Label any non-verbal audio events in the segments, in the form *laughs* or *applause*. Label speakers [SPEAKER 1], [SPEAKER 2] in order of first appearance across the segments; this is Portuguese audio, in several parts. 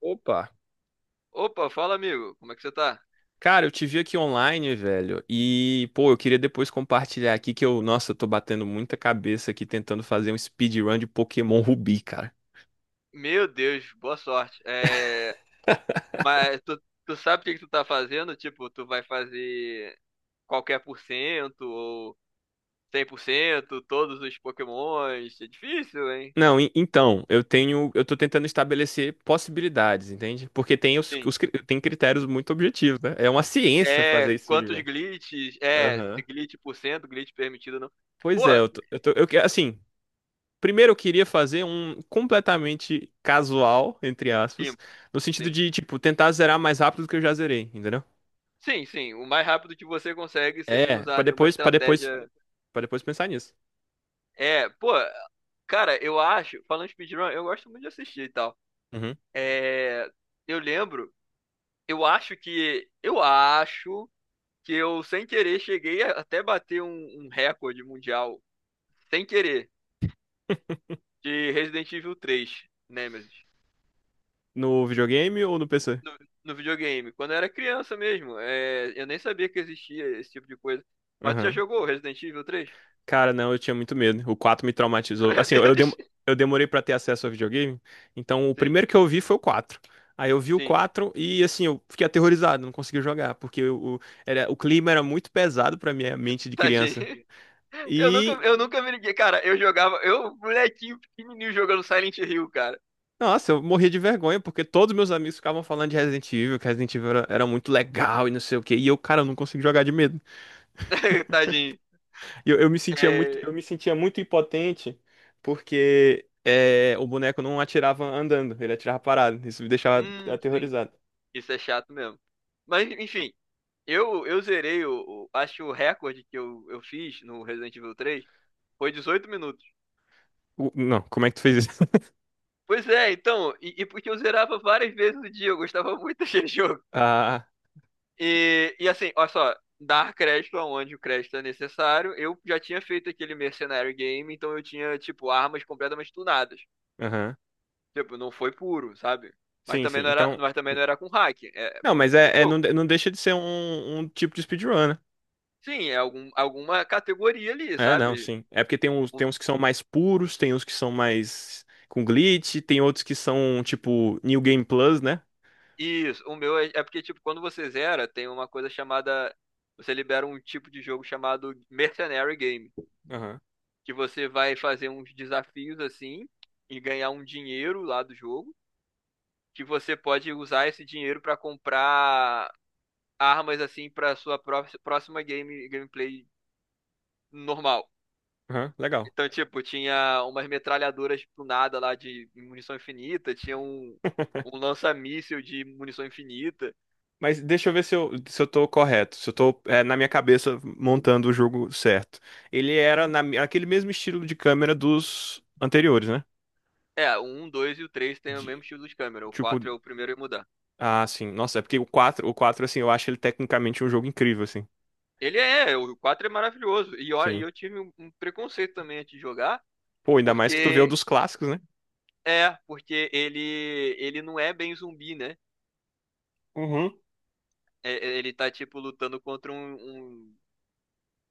[SPEAKER 1] Opa!
[SPEAKER 2] Opa, fala amigo, como é que você tá?
[SPEAKER 1] Cara, eu te vi aqui online, velho. E, pô, eu queria depois compartilhar aqui que nossa, eu tô batendo muita cabeça aqui tentando fazer um speedrun de Pokémon Rubi, cara.
[SPEAKER 2] Meu Deus, boa sorte. É, mas tu sabe o que que tu tá fazendo? Tipo, tu vai fazer qualquer por cento ou 100%, todos os Pokémons. É difícil, hein?
[SPEAKER 1] Não, então, eu tô tentando estabelecer possibilidades, entende? Porque tem
[SPEAKER 2] Sim.
[SPEAKER 1] tem critérios muito objetivos, né? É uma ciência
[SPEAKER 2] É,
[SPEAKER 1] fazer esse
[SPEAKER 2] quantos
[SPEAKER 1] speedrun.
[SPEAKER 2] glitches? É, se
[SPEAKER 1] Aham.
[SPEAKER 2] glitch por cento, glitch permitido ou não.
[SPEAKER 1] Pois
[SPEAKER 2] Pô,
[SPEAKER 1] é, eu tô, eu tô- eu que- Assim, primeiro eu queria fazer um completamente casual, entre aspas,
[SPEAKER 2] limpo,
[SPEAKER 1] no sentido
[SPEAKER 2] sim.
[SPEAKER 1] de, tipo, tentar zerar mais rápido do que eu já zerei, entendeu?
[SPEAKER 2] Sim, sim, o mais rápido que você consegue sem
[SPEAKER 1] É, pra
[SPEAKER 2] usar nenhuma
[SPEAKER 1] depois, para depois,
[SPEAKER 2] estratégia.
[SPEAKER 1] para depois pensar nisso.
[SPEAKER 2] É, pô, cara, eu acho, falando de speedrun, eu gosto muito de assistir e tal.
[SPEAKER 1] Uhum.
[SPEAKER 2] É, eu lembro, Eu acho que eu, sem querer, cheguei a até bater um recorde mundial, sem querer, de Resident Evil 3, Nemesis.
[SPEAKER 1] No videogame ou no PC?
[SPEAKER 2] No, no videogame, quando eu era criança mesmo. É, eu nem sabia que existia esse tipo de coisa. Mas tu já
[SPEAKER 1] Aham.
[SPEAKER 2] jogou Resident Evil 3?
[SPEAKER 1] Cara, não, eu tinha muito medo. O 4 me
[SPEAKER 2] *laughs*
[SPEAKER 1] traumatizou. Assim,
[SPEAKER 2] Meu
[SPEAKER 1] eu, eu dem-
[SPEAKER 2] Deus.
[SPEAKER 1] eu demorei pra ter acesso ao videogame. Então, o
[SPEAKER 2] Sim,
[SPEAKER 1] primeiro que eu vi foi o 4. Aí eu vi o
[SPEAKER 2] sim.
[SPEAKER 1] 4 e, assim, eu fiquei aterrorizado, não consegui jogar, porque o clima era muito pesado pra minha mente de criança.
[SPEAKER 2] Tadinho.
[SPEAKER 1] E,
[SPEAKER 2] Eu nunca me liguei. Cara, eu jogava. Eu, molequinho pequenininho, jogando Silent Hill, cara.
[SPEAKER 1] nossa, eu morria de vergonha, porque todos meus amigos ficavam falando de Resident Evil, que Resident Evil era muito legal e não sei o quê. E eu, cara, eu não consegui jogar de medo.
[SPEAKER 2] *laughs* Tadinho.
[SPEAKER 1] Eu, eu me sentia muito,
[SPEAKER 2] É,
[SPEAKER 1] eu me sentia muito impotente porque o boneco não atirava andando, ele atirava parado. Isso me deixava
[SPEAKER 2] sim.
[SPEAKER 1] aterrorizado.
[SPEAKER 2] Isso é chato mesmo. Mas, enfim, eu zerei acho que o recorde que eu fiz no Resident Evil três foi 18 minutos.
[SPEAKER 1] O- não, como é que tu fez isso? *laughs*
[SPEAKER 2] Pois é, então. E porque eu zerava várias vezes no dia, eu gostava muito *laughs* desse jogo.
[SPEAKER 1] Ah,
[SPEAKER 2] E assim, olha só. Dar crédito aonde o crédito é necessário. Eu já tinha feito aquele mercenário game, então eu tinha, tipo, armas completamente tunadas.
[SPEAKER 1] aham.
[SPEAKER 2] Tipo, não foi puro, sabe?
[SPEAKER 1] Sim, sim. Então.
[SPEAKER 2] Mas também não era com hack. É,
[SPEAKER 1] Não,
[SPEAKER 2] é
[SPEAKER 1] mas
[SPEAKER 2] parte do
[SPEAKER 1] não,
[SPEAKER 2] jogo.
[SPEAKER 1] não deixa de ser um tipo de speedrun, né?
[SPEAKER 2] Sim, é algum, alguma categoria ali,
[SPEAKER 1] É, não,
[SPEAKER 2] sabe?
[SPEAKER 1] sim. É porque tem uns que são mais puros, tem uns que são mais com glitch, tem outros que são tipo New Game Plus, né?
[SPEAKER 2] Isso, o meu é porque, tipo, quando você zera, tem uma coisa chamada. Você libera um tipo de jogo chamado Mercenary Game,
[SPEAKER 1] Aham,
[SPEAKER 2] que você vai fazer uns desafios assim e ganhar um dinheiro lá do jogo, que você pode usar esse dinheiro pra comprar armas assim para sua próxima gameplay normal.
[SPEAKER 1] aham, legal.
[SPEAKER 2] Então, tipo, tinha umas metralhadoras do nada lá de munição infinita, tinha
[SPEAKER 1] *laughs*
[SPEAKER 2] um lança-míssil de munição infinita.
[SPEAKER 1] Mas deixa eu ver se eu tô correto, se eu tô na minha cabeça montando o jogo certo. Ele era aquele mesmo estilo de câmera dos anteriores, né?
[SPEAKER 2] É, o 1, 2 e o 3 tem o mesmo
[SPEAKER 1] De-
[SPEAKER 2] estilo de câmera. O
[SPEAKER 1] tipo,
[SPEAKER 2] quatro é o primeiro a mudar.
[SPEAKER 1] sim. Nossa, é porque o quatro assim, eu acho ele tecnicamente um jogo incrível, assim.
[SPEAKER 2] O 4 é maravilhoso. E ó, e
[SPEAKER 1] Sim.
[SPEAKER 2] eu tive um preconceito também antes de jogar,
[SPEAKER 1] Pô, ainda mais que tu vê o
[SPEAKER 2] porque
[SPEAKER 1] dos clássicos, né?
[SPEAKER 2] porque ele não é bem zumbi, né?
[SPEAKER 1] Uhum.
[SPEAKER 2] Ele tá tipo lutando contra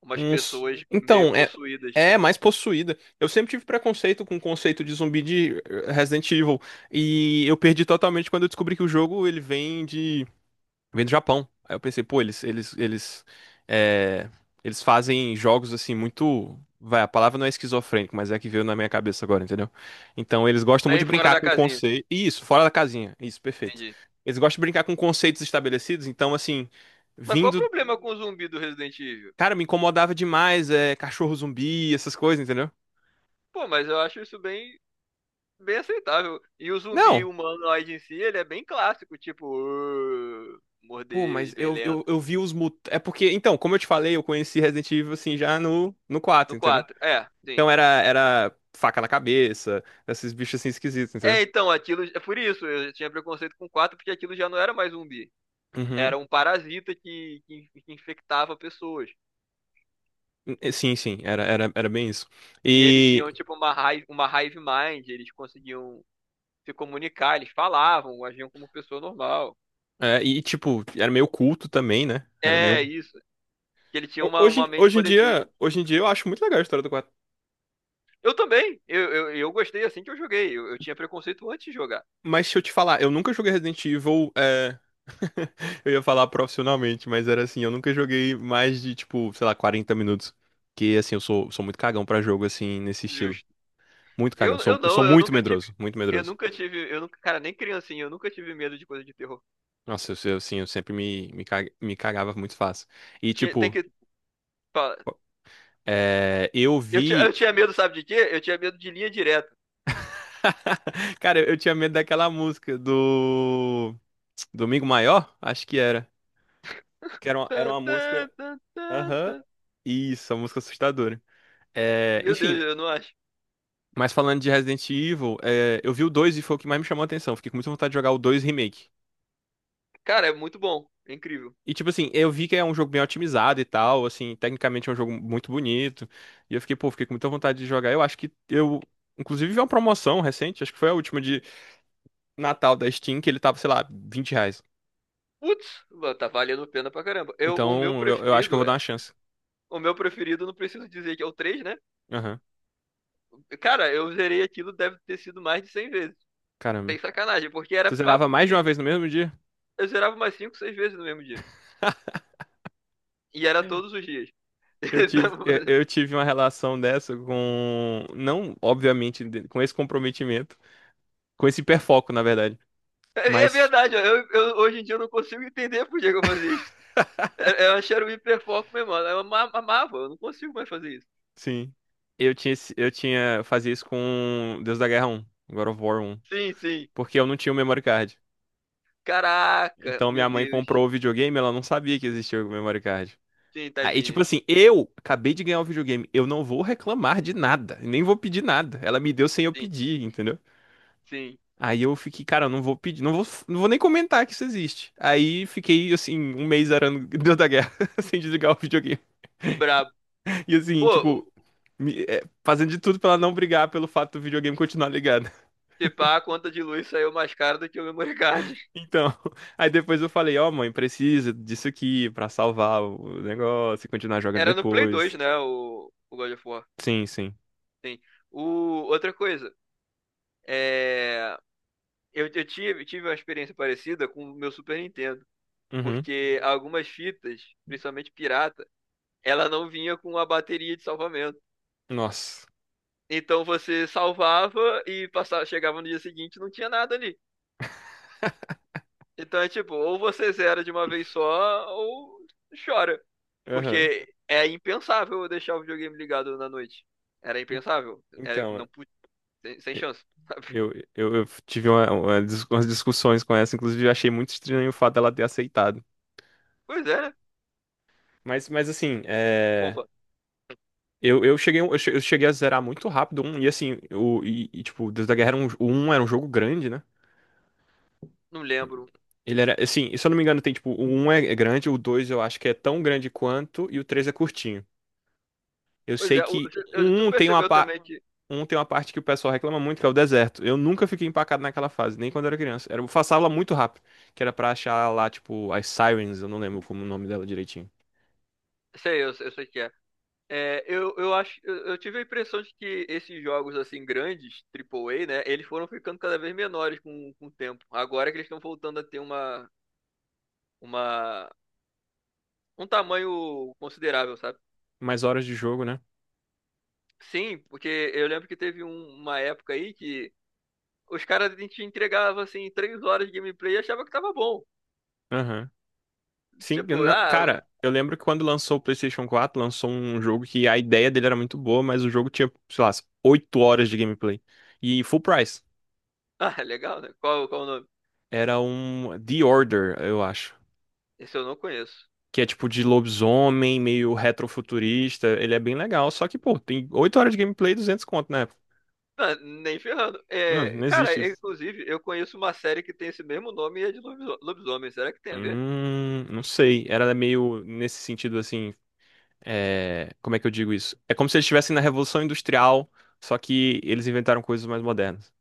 [SPEAKER 2] umas
[SPEAKER 1] Uns.
[SPEAKER 2] pessoas meio
[SPEAKER 1] Então, é.
[SPEAKER 2] possuídas,
[SPEAKER 1] É, mais possuída. Eu sempre tive preconceito com o conceito de zumbi de Resident Evil. E eu perdi totalmente quando eu descobri que o jogo ele vem de. Vem do Japão. Aí eu pensei, pô, é, eles fazem jogos assim muito. Vai, a palavra não é esquizofrênico, mas é a que veio na minha cabeça agora, entendeu? Então eles gostam muito de
[SPEAKER 2] bem fora
[SPEAKER 1] brincar
[SPEAKER 2] da
[SPEAKER 1] com
[SPEAKER 2] casinha,
[SPEAKER 1] conceito. Isso, fora da casinha. Isso, perfeito.
[SPEAKER 2] entendi.
[SPEAKER 1] Eles gostam de brincar com conceitos estabelecidos, então assim,
[SPEAKER 2] Mas qual o
[SPEAKER 1] vindo.
[SPEAKER 2] problema com o zumbi do Resident Evil?
[SPEAKER 1] Cara, me incomodava demais, cachorro zumbi, essas coisas, entendeu?
[SPEAKER 2] Pô, mas eu acho isso bem bem aceitável. E o zumbi
[SPEAKER 1] Não.
[SPEAKER 2] humanoide em si, ele é bem clássico, tipo,
[SPEAKER 1] Pô, mas
[SPEAKER 2] morder bem
[SPEAKER 1] eu,
[SPEAKER 2] lento.
[SPEAKER 1] eu, eu vi os mut... É porque, então, como eu te falei, eu conheci Resident Evil assim já no
[SPEAKER 2] No
[SPEAKER 1] quatro entendeu?
[SPEAKER 2] quatro. É, sim.
[SPEAKER 1] Então era faca na cabeça, esses bichos assim esquisitos, entendeu?
[SPEAKER 2] É, então, aquilo. É por isso, eu tinha preconceito com 4 porque aquilo já não era mais zumbi.
[SPEAKER 1] Uhum.
[SPEAKER 2] Era um parasita que infectava pessoas.
[SPEAKER 1] Sim, sim, era bem isso.
[SPEAKER 2] E eles
[SPEAKER 1] E,
[SPEAKER 2] tinham, tipo, uma hive mind, eles conseguiam se comunicar, eles falavam, agiam como pessoa normal.
[SPEAKER 1] e, tipo, era meio culto também, né? Era meio.
[SPEAKER 2] É
[SPEAKER 1] Um-
[SPEAKER 2] isso. Que ele tinha
[SPEAKER 1] Ho-
[SPEAKER 2] uma
[SPEAKER 1] Hoje,
[SPEAKER 2] mente
[SPEAKER 1] hoje em
[SPEAKER 2] coletiva.
[SPEAKER 1] dia, hoje em dia eu acho muito legal a história do 4.
[SPEAKER 2] Eu também. Eu gostei assim que eu joguei. Eu tinha preconceito antes de jogar.
[SPEAKER 1] Mas se eu te falar, eu nunca joguei Resident Evil. *laughs* Eu ia falar profissionalmente, mas era assim, eu nunca joguei mais de, tipo, sei lá, 40 minutos. Que assim, sou muito cagão pra jogo, assim, nesse estilo.
[SPEAKER 2] Justo.
[SPEAKER 1] Muito cagão.
[SPEAKER 2] Eu, eu
[SPEAKER 1] Eu sou
[SPEAKER 2] não, eu
[SPEAKER 1] muito
[SPEAKER 2] nunca tive.
[SPEAKER 1] medroso, muito medroso.
[SPEAKER 2] Eu nunca, cara, nem criancinha, eu nunca tive medo de coisa de terror.
[SPEAKER 1] Nossa, assim, eu sempre me cagava muito fácil. E,
[SPEAKER 2] Tinha- tem
[SPEAKER 1] tipo,
[SPEAKER 2] que.
[SPEAKER 1] eu
[SPEAKER 2] Eu
[SPEAKER 1] vi.
[SPEAKER 2] tinha medo, sabe de quê? Eu tinha medo de linha direta.
[SPEAKER 1] *laughs* Cara, eu tinha medo daquela música do. Domingo Maior? Acho que era. Era
[SPEAKER 2] Tan,
[SPEAKER 1] uma música.
[SPEAKER 2] tan, tan, tan,
[SPEAKER 1] Aham.
[SPEAKER 2] tan.
[SPEAKER 1] Isso, uma música assustadora. É,
[SPEAKER 2] Meu Deus,
[SPEAKER 1] enfim,
[SPEAKER 2] eu não acho.
[SPEAKER 1] mas falando de Resident Evil, eu vi o 2 e foi o que mais me chamou a atenção. Fiquei com muita vontade de jogar o 2 Remake.
[SPEAKER 2] Cara, é muito bom. É incrível.
[SPEAKER 1] E, tipo assim, eu vi que é um jogo bem otimizado e tal, assim, tecnicamente é um jogo muito bonito. E eu fiquei, pô, fiquei com muita vontade de jogar. Eu acho que eu, inclusive, vi uma promoção recente, acho que foi a última de Natal da Steam, que ele tava, sei lá, R$ 20.
[SPEAKER 2] Putz, mano, tá valendo pena pra caramba. Eu, o meu
[SPEAKER 1] Então, eu acho que eu
[SPEAKER 2] preferido
[SPEAKER 1] vou dar
[SPEAKER 2] é.
[SPEAKER 1] uma chance.
[SPEAKER 2] O meu preferido, não preciso dizer que é o 3 né?
[SPEAKER 1] Aham,
[SPEAKER 2] Cara, eu zerei aquilo, deve ter sido mais de 100 vezes.
[SPEAKER 1] caramba.
[SPEAKER 2] Sem sacanagem, porque era
[SPEAKER 1] Tu zerava
[SPEAKER 2] papo
[SPEAKER 1] mais de uma
[SPEAKER 2] de.
[SPEAKER 1] vez no mesmo dia?
[SPEAKER 2] Eu zerava umas 5 6 vezes no mesmo dia.
[SPEAKER 1] *laughs*
[SPEAKER 2] E era todos os dias. *laughs*
[SPEAKER 1] Eu tive,
[SPEAKER 2] Então,
[SPEAKER 1] eu eu tive uma relação dessa com, não, obviamente, com esse comprometimento, com esse hiperfoco, na verdade,
[SPEAKER 2] é
[SPEAKER 1] mas.
[SPEAKER 2] verdade, hoje em dia eu não consigo entender por que que eu fazia isso. Eu achei era o hiperfoco mesmo, mano. Amava, eu não consigo mais fazer isso.
[SPEAKER 1] Sim. Eu tinha, eu tinha, eu fazia isso com Deus da Guerra 1 God of War 1,
[SPEAKER 2] Sim, sim.
[SPEAKER 1] porque eu não tinha o memory card.
[SPEAKER 2] Caraca,
[SPEAKER 1] Então
[SPEAKER 2] meu
[SPEAKER 1] minha mãe
[SPEAKER 2] Deus.
[SPEAKER 1] comprou o videogame, ela não sabia que existia o memory card.
[SPEAKER 2] Sim,
[SPEAKER 1] Aí, tipo
[SPEAKER 2] tadinho.
[SPEAKER 1] assim, eu acabei de ganhar o videogame, eu não vou reclamar de nada, nem vou pedir nada. Ela me deu sem eu
[SPEAKER 2] Sim,
[SPEAKER 1] pedir, entendeu?
[SPEAKER 2] sim.
[SPEAKER 1] Aí eu fiquei, cara, eu não vou pedir, não vou nem comentar que isso existe. Aí fiquei, assim, um mês arando *laughs* Deus da Guerra, *laughs* sem desligar o videogame.
[SPEAKER 2] Brabo.
[SPEAKER 1] E assim,
[SPEAKER 2] Pô,
[SPEAKER 1] tipo,
[SPEAKER 2] o-
[SPEAKER 1] fazendo de tudo pra ela não brigar pelo fato do videogame continuar ligado.
[SPEAKER 2] se pá, a conta de luz saiu mais cara do que o memory card. *laughs*
[SPEAKER 1] Então, *laughs* aí depois eu falei, ó, mãe, precisa disso aqui pra salvar o negócio e continuar jogando
[SPEAKER 2] Era no Play 2,
[SPEAKER 1] depois.
[SPEAKER 2] né? O God of War.
[SPEAKER 1] Sim, sim.
[SPEAKER 2] Sim. O, outra coisa. É, eu tive uma experiência parecida com o meu Super Nintendo.
[SPEAKER 1] Uhum.
[SPEAKER 2] Porque algumas fitas, principalmente pirata, ela não vinha com a bateria de salvamento.
[SPEAKER 1] Nossa.
[SPEAKER 2] Então você salvava e passava, chegava no dia seguinte e não tinha nada ali. Então é tipo, ou você zera de uma vez só, ou chora.
[SPEAKER 1] Aham.
[SPEAKER 2] Porque é impensável eu deixar o videogame ligado na noite. Era
[SPEAKER 1] En-
[SPEAKER 2] impensável. Era,
[SPEAKER 1] Então,
[SPEAKER 2] não, sem chance. *laughs* Sabe?
[SPEAKER 1] eu tive umas discussões com essa, inclusive eu achei muito estranho o fato dela ter aceitado.
[SPEAKER 2] Pois é, né?
[SPEAKER 1] Mas assim,
[SPEAKER 2] Ufa,
[SPEAKER 1] eu cheguei a zerar muito rápido um, e assim, tipo, Deus da Guerra era um, o um era um jogo grande, né?
[SPEAKER 2] não lembro.
[SPEAKER 1] Ele era, assim, se eu não me engano, tem tipo, o 1 é grande, o 2 eu acho que é tão grande quanto, e o 3 é curtinho. Eu
[SPEAKER 2] Pois
[SPEAKER 1] sei
[SPEAKER 2] é,
[SPEAKER 1] que
[SPEAKER 2] tu
[SPEAKER 1] um tem uma,
[SPEAKER 2] percebeu
[SPEAKER 1] pa-
[SPEAKER 2] também que.
[SPEAKER 1] um tem uma parte que o pessoal reclama muito, que é o deserto. Eu nunca fiquei empacado naquela fase, nem quando era criança. Era, eu passava muito rápido, que era pra achar lá, tipo, as Sirens, eu não lembro como o nome dela direitinho.
[SPEAKER 2] Sei, eu sei que é. É, eu tive a impressão de que esses jogos assim grandes, triplo A, né, eles foram ficando cada vez menores com o tempo. Agora que eles estão voltando a ter uma, um tamanho considerável, sabe?
[SPEAKER 1] Mais horas de jogo, né?
[SPEAKER 2] Sim, porque eu lembro que teve uma época aí que os caras te entregavam assim 3 horas de gameplay e achava que tava bom.
[SPEAKER 1] Aham. Sim, eu
[SPEAKER 2] Tipo,
[SPEAKER 1] não,
[SPEAKER 2] ah,
[SPEAKER 1] cara, eu lembro que quando lançou o PlayStation 4, lançou um jogo que a ideia dele era muito boa, mas o jogo tinha, sei lá, 8 horas de gameplay. E full price.
[SPEAKER 2] *laughs* ah, legal, né? Qual o nome?
[SPEAKER 1] Era um The Order, eu acho.
[SPEAKER 2] Esse eu não conheço.
[SPEAKER 1] Que é tipo de lobisomem, meio retrofuturista. Ele é bem legal, só que, pô, tem 8 horas de gameplay e 200 conto, né?
[SPEAKER 2] Não, nem ferrando.
[SPEAKER 1] Não,
[SPEAKER 2] É,
[SPEAKER 1] não
[SPEAKER 2] cara,
[SPEAKER 1] existe
[SPEAKER 2] é,
[SPEAKER 1] isso.
[SPEAKER 2] inclusive, eu conheço uma série que tem esse mesmo nome e é de lobisomem. Será que tem a ver?
[SPEAKER 1] Não sei. Era meio nesse sentido assim. Como é que eu digo isso? É como se eles estivessem na Revolução Industrial, só que eles inventaram coisas mais modernas.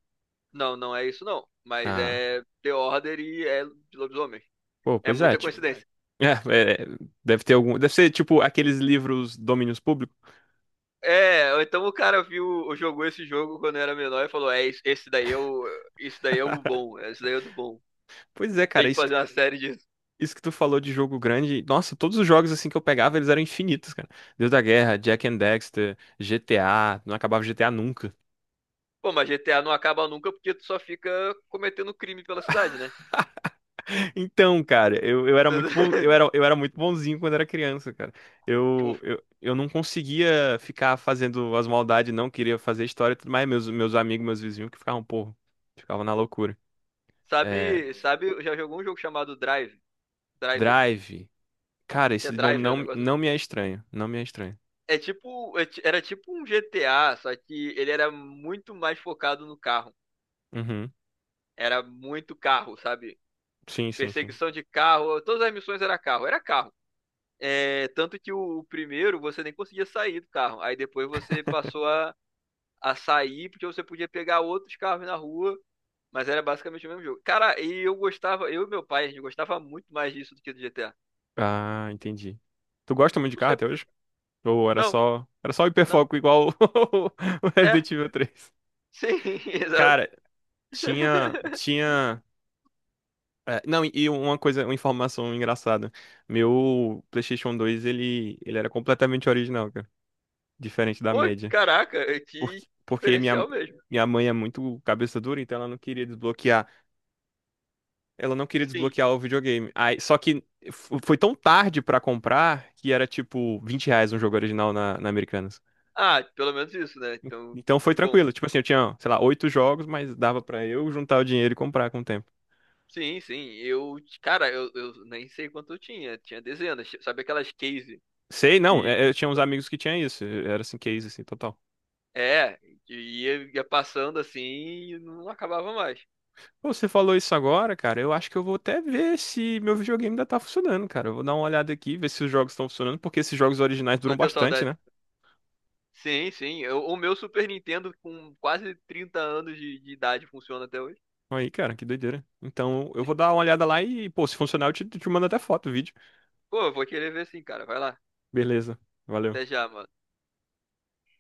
[SPEAKER 2] Não, não é isso não. Mas
[SPEAKER 1] Ah,
[SPEAKER 2] é The Order e é de lobisomem.
[SPEAKER 1] pô,
[SPEAKER 2] É
[SPEAKER 1] pois é,
[SPEAKER 2] muita, pô, verdade,
[SPEAKER 1] tipo. *laughs*
[SPEAKER 2] coincidência.
[SPEAKER 1] É, deve ter algum. Deve ser tipo aqueles livros domínios públicos.
[SPEAKER 2] É, ou então o cara viu, ou jogou esse jogo quando era menor e falou, é, esse daí é esse daí é o bom, é, esse daí é o do bom.
[SPEAKER 1] Pois é,
[SPEAKER 2] Tem
[SPEAKER 1] cara.
[SPEAKER 2] que
[SPEAKER 1] isso
[SPEAKER 2] fazer uma série disso.
[SPEAKER 1] Isso que tu falou de jogo grande, nossa, todos os jogos assim que eu pegava, eles eram infinitos, cara. Deus da Guerra, Jack and Dexter, GTA, não acabava GTA nunca. *laughs*
[SPEAKER 2] Pô, mas GTA não acaba nunca porque tu só fica cometendo crime pela cidade, né?
[SPEAKER 1] Então, cara, eu era muito bom, eu
[SPEAKER 2] *laughs*
[SPEAKER 1] era muito bonzinho quando era criança, cara.
[SPEAKER 2] Pô,
[SPEAKER 1] Eu não conseguia ficar fazendo as maldades, não queria fazer história, e tudo mais meus amigos, meus vizinhos que ficavam, porra, ficavam na loucura. É,
[SPEAKER 2] sabe, sabe, já jogou um jogo chamado Drive? Driver.
[SPEAKER 1] Drive. Cara,
[SPEAKER 2] Tinha
[SPEAKER 1] esse nome
[SPEAKER 2] drive, o
[SPEAKER 1] não,
[SPEAKER 2] negócio
[SPEAKER 1] não
[SPEAKER 2] assim.
[SPEAKER 1] me é estranho, não me é estranho.
[SPEAKER 2] É tipo, era tipo um GTA, só que ele era muito mais focado no carro.
[SPEAKER 1] Uhum.
[SPEAKER 2] Era muito carro, sabe?
[SPEAKER 1] Sim, sim, sim.
[SPEAKER 2] Perseguição de carro, todas as missões era carro, era carro. É, tanto que o primeiro você nem conseguia sair do carro. Aí depois você passou a sair porque você podia pegar outros carros na rua, mas era basicamente o mesmo jogo. Cara, e eu gostava, eu e meu pai, a gente gostava muito mais disso do que do GTA.
[SPEAKER 1] Ah, entendi. Tu gosta muito de
[SPEAKER 2] Não
[SPEAKER 1] carro
[SPEAKER 2] sei
[SPEAKER 1] até
[SPEAKER 2] por quê.
[SPEAKER 1] hoje? Ou
[SPEAKER 2] Não,
[SPEAKER 1] era só
[SPEAKER 2] não.
[SPEAKER 1] hiperfoco igual o *laughs* o
[SPEAKER 2] É,
[SPEAKER 1] Resident Evil 3.
[SPEAKER 2] sim, *laughs* exato.
[SPEAKER 1] Cara, tinha, tinha, não, e uma coisa, uma informação engraçada. Meu PlayStation 2 ele era completamente original, cara, diferente da
[SPEAKER 2] Pô,
[SPEAKER 1] média.
[SPEAKER 2] caraca, é que
[SPEAKER 1] Porque, porque minha
[SPEAKER 2] diferencial mesmo.
[SPEAKER 1] Minha mãe é muito cabeça dura, então ela não queria desbloquear. Ela não queria
[SPEAKER 2] Sim.
[SPEAKER 1] desbloquear o videogame. Aí, só que foi tão tarde pra comprar que era tipo R$ 20 um jogo original na Americanas.
[SPEAKER 2] Ah, pelo menos isso, né? Então,
[SPEAKER 1] Então foi
[SPEAKER 2] que bom.
[SPEAKER 1] tranquilo. Tipo assim, eu tinha, sei lá, oito jogos, mas dava pra eu juntar o dinheiro e comprar com o tempo.
[SPEAKER 2] Sim, sim. Eu, cara, eu nem sei quanto eu tinha. Tinha dezenas. Sabe aquelas case
[SPEAKER 1] Sei, não,
[SPEAKER 2] que, que-
[SPEAKER 1] eu tinha uns amigos que tinham isso. Era assim, case, assim, total.
[SPEAKER 2] é, que ia passando assim e não acabava mais.
[SPEAKER 1] Pô, você falou isso agora, cara. Eu acho que eu vou até ver se meu videogame ainda tá funcionando, cara. Eu vou dar uma olhada aqui, ver se os jogos estão funcionando, porque esses jogos originais duram
[SPEAKER 2] Bateu
[SPEAKER 1] bastante,
[SPEAKER 2] saudade.
[SPEAKER 1] né?
[SPEAKER 2] Sim, sim. O meu Super Nintendo com quase 30 anos de idade funciona até hoje.
[SPEAKER 1] Aí, cara, que doideira. Então, eu vou dar uma olhada lá e, pô, se funcionar, eu te mando até foto, vídeo.
[SPEAKER 2] Pô, eu vou querer ver sim, cara. Vai lá.
[SPEAKER 1] Beleza. Valeu.
[SPEAKER 2] Até já, mano.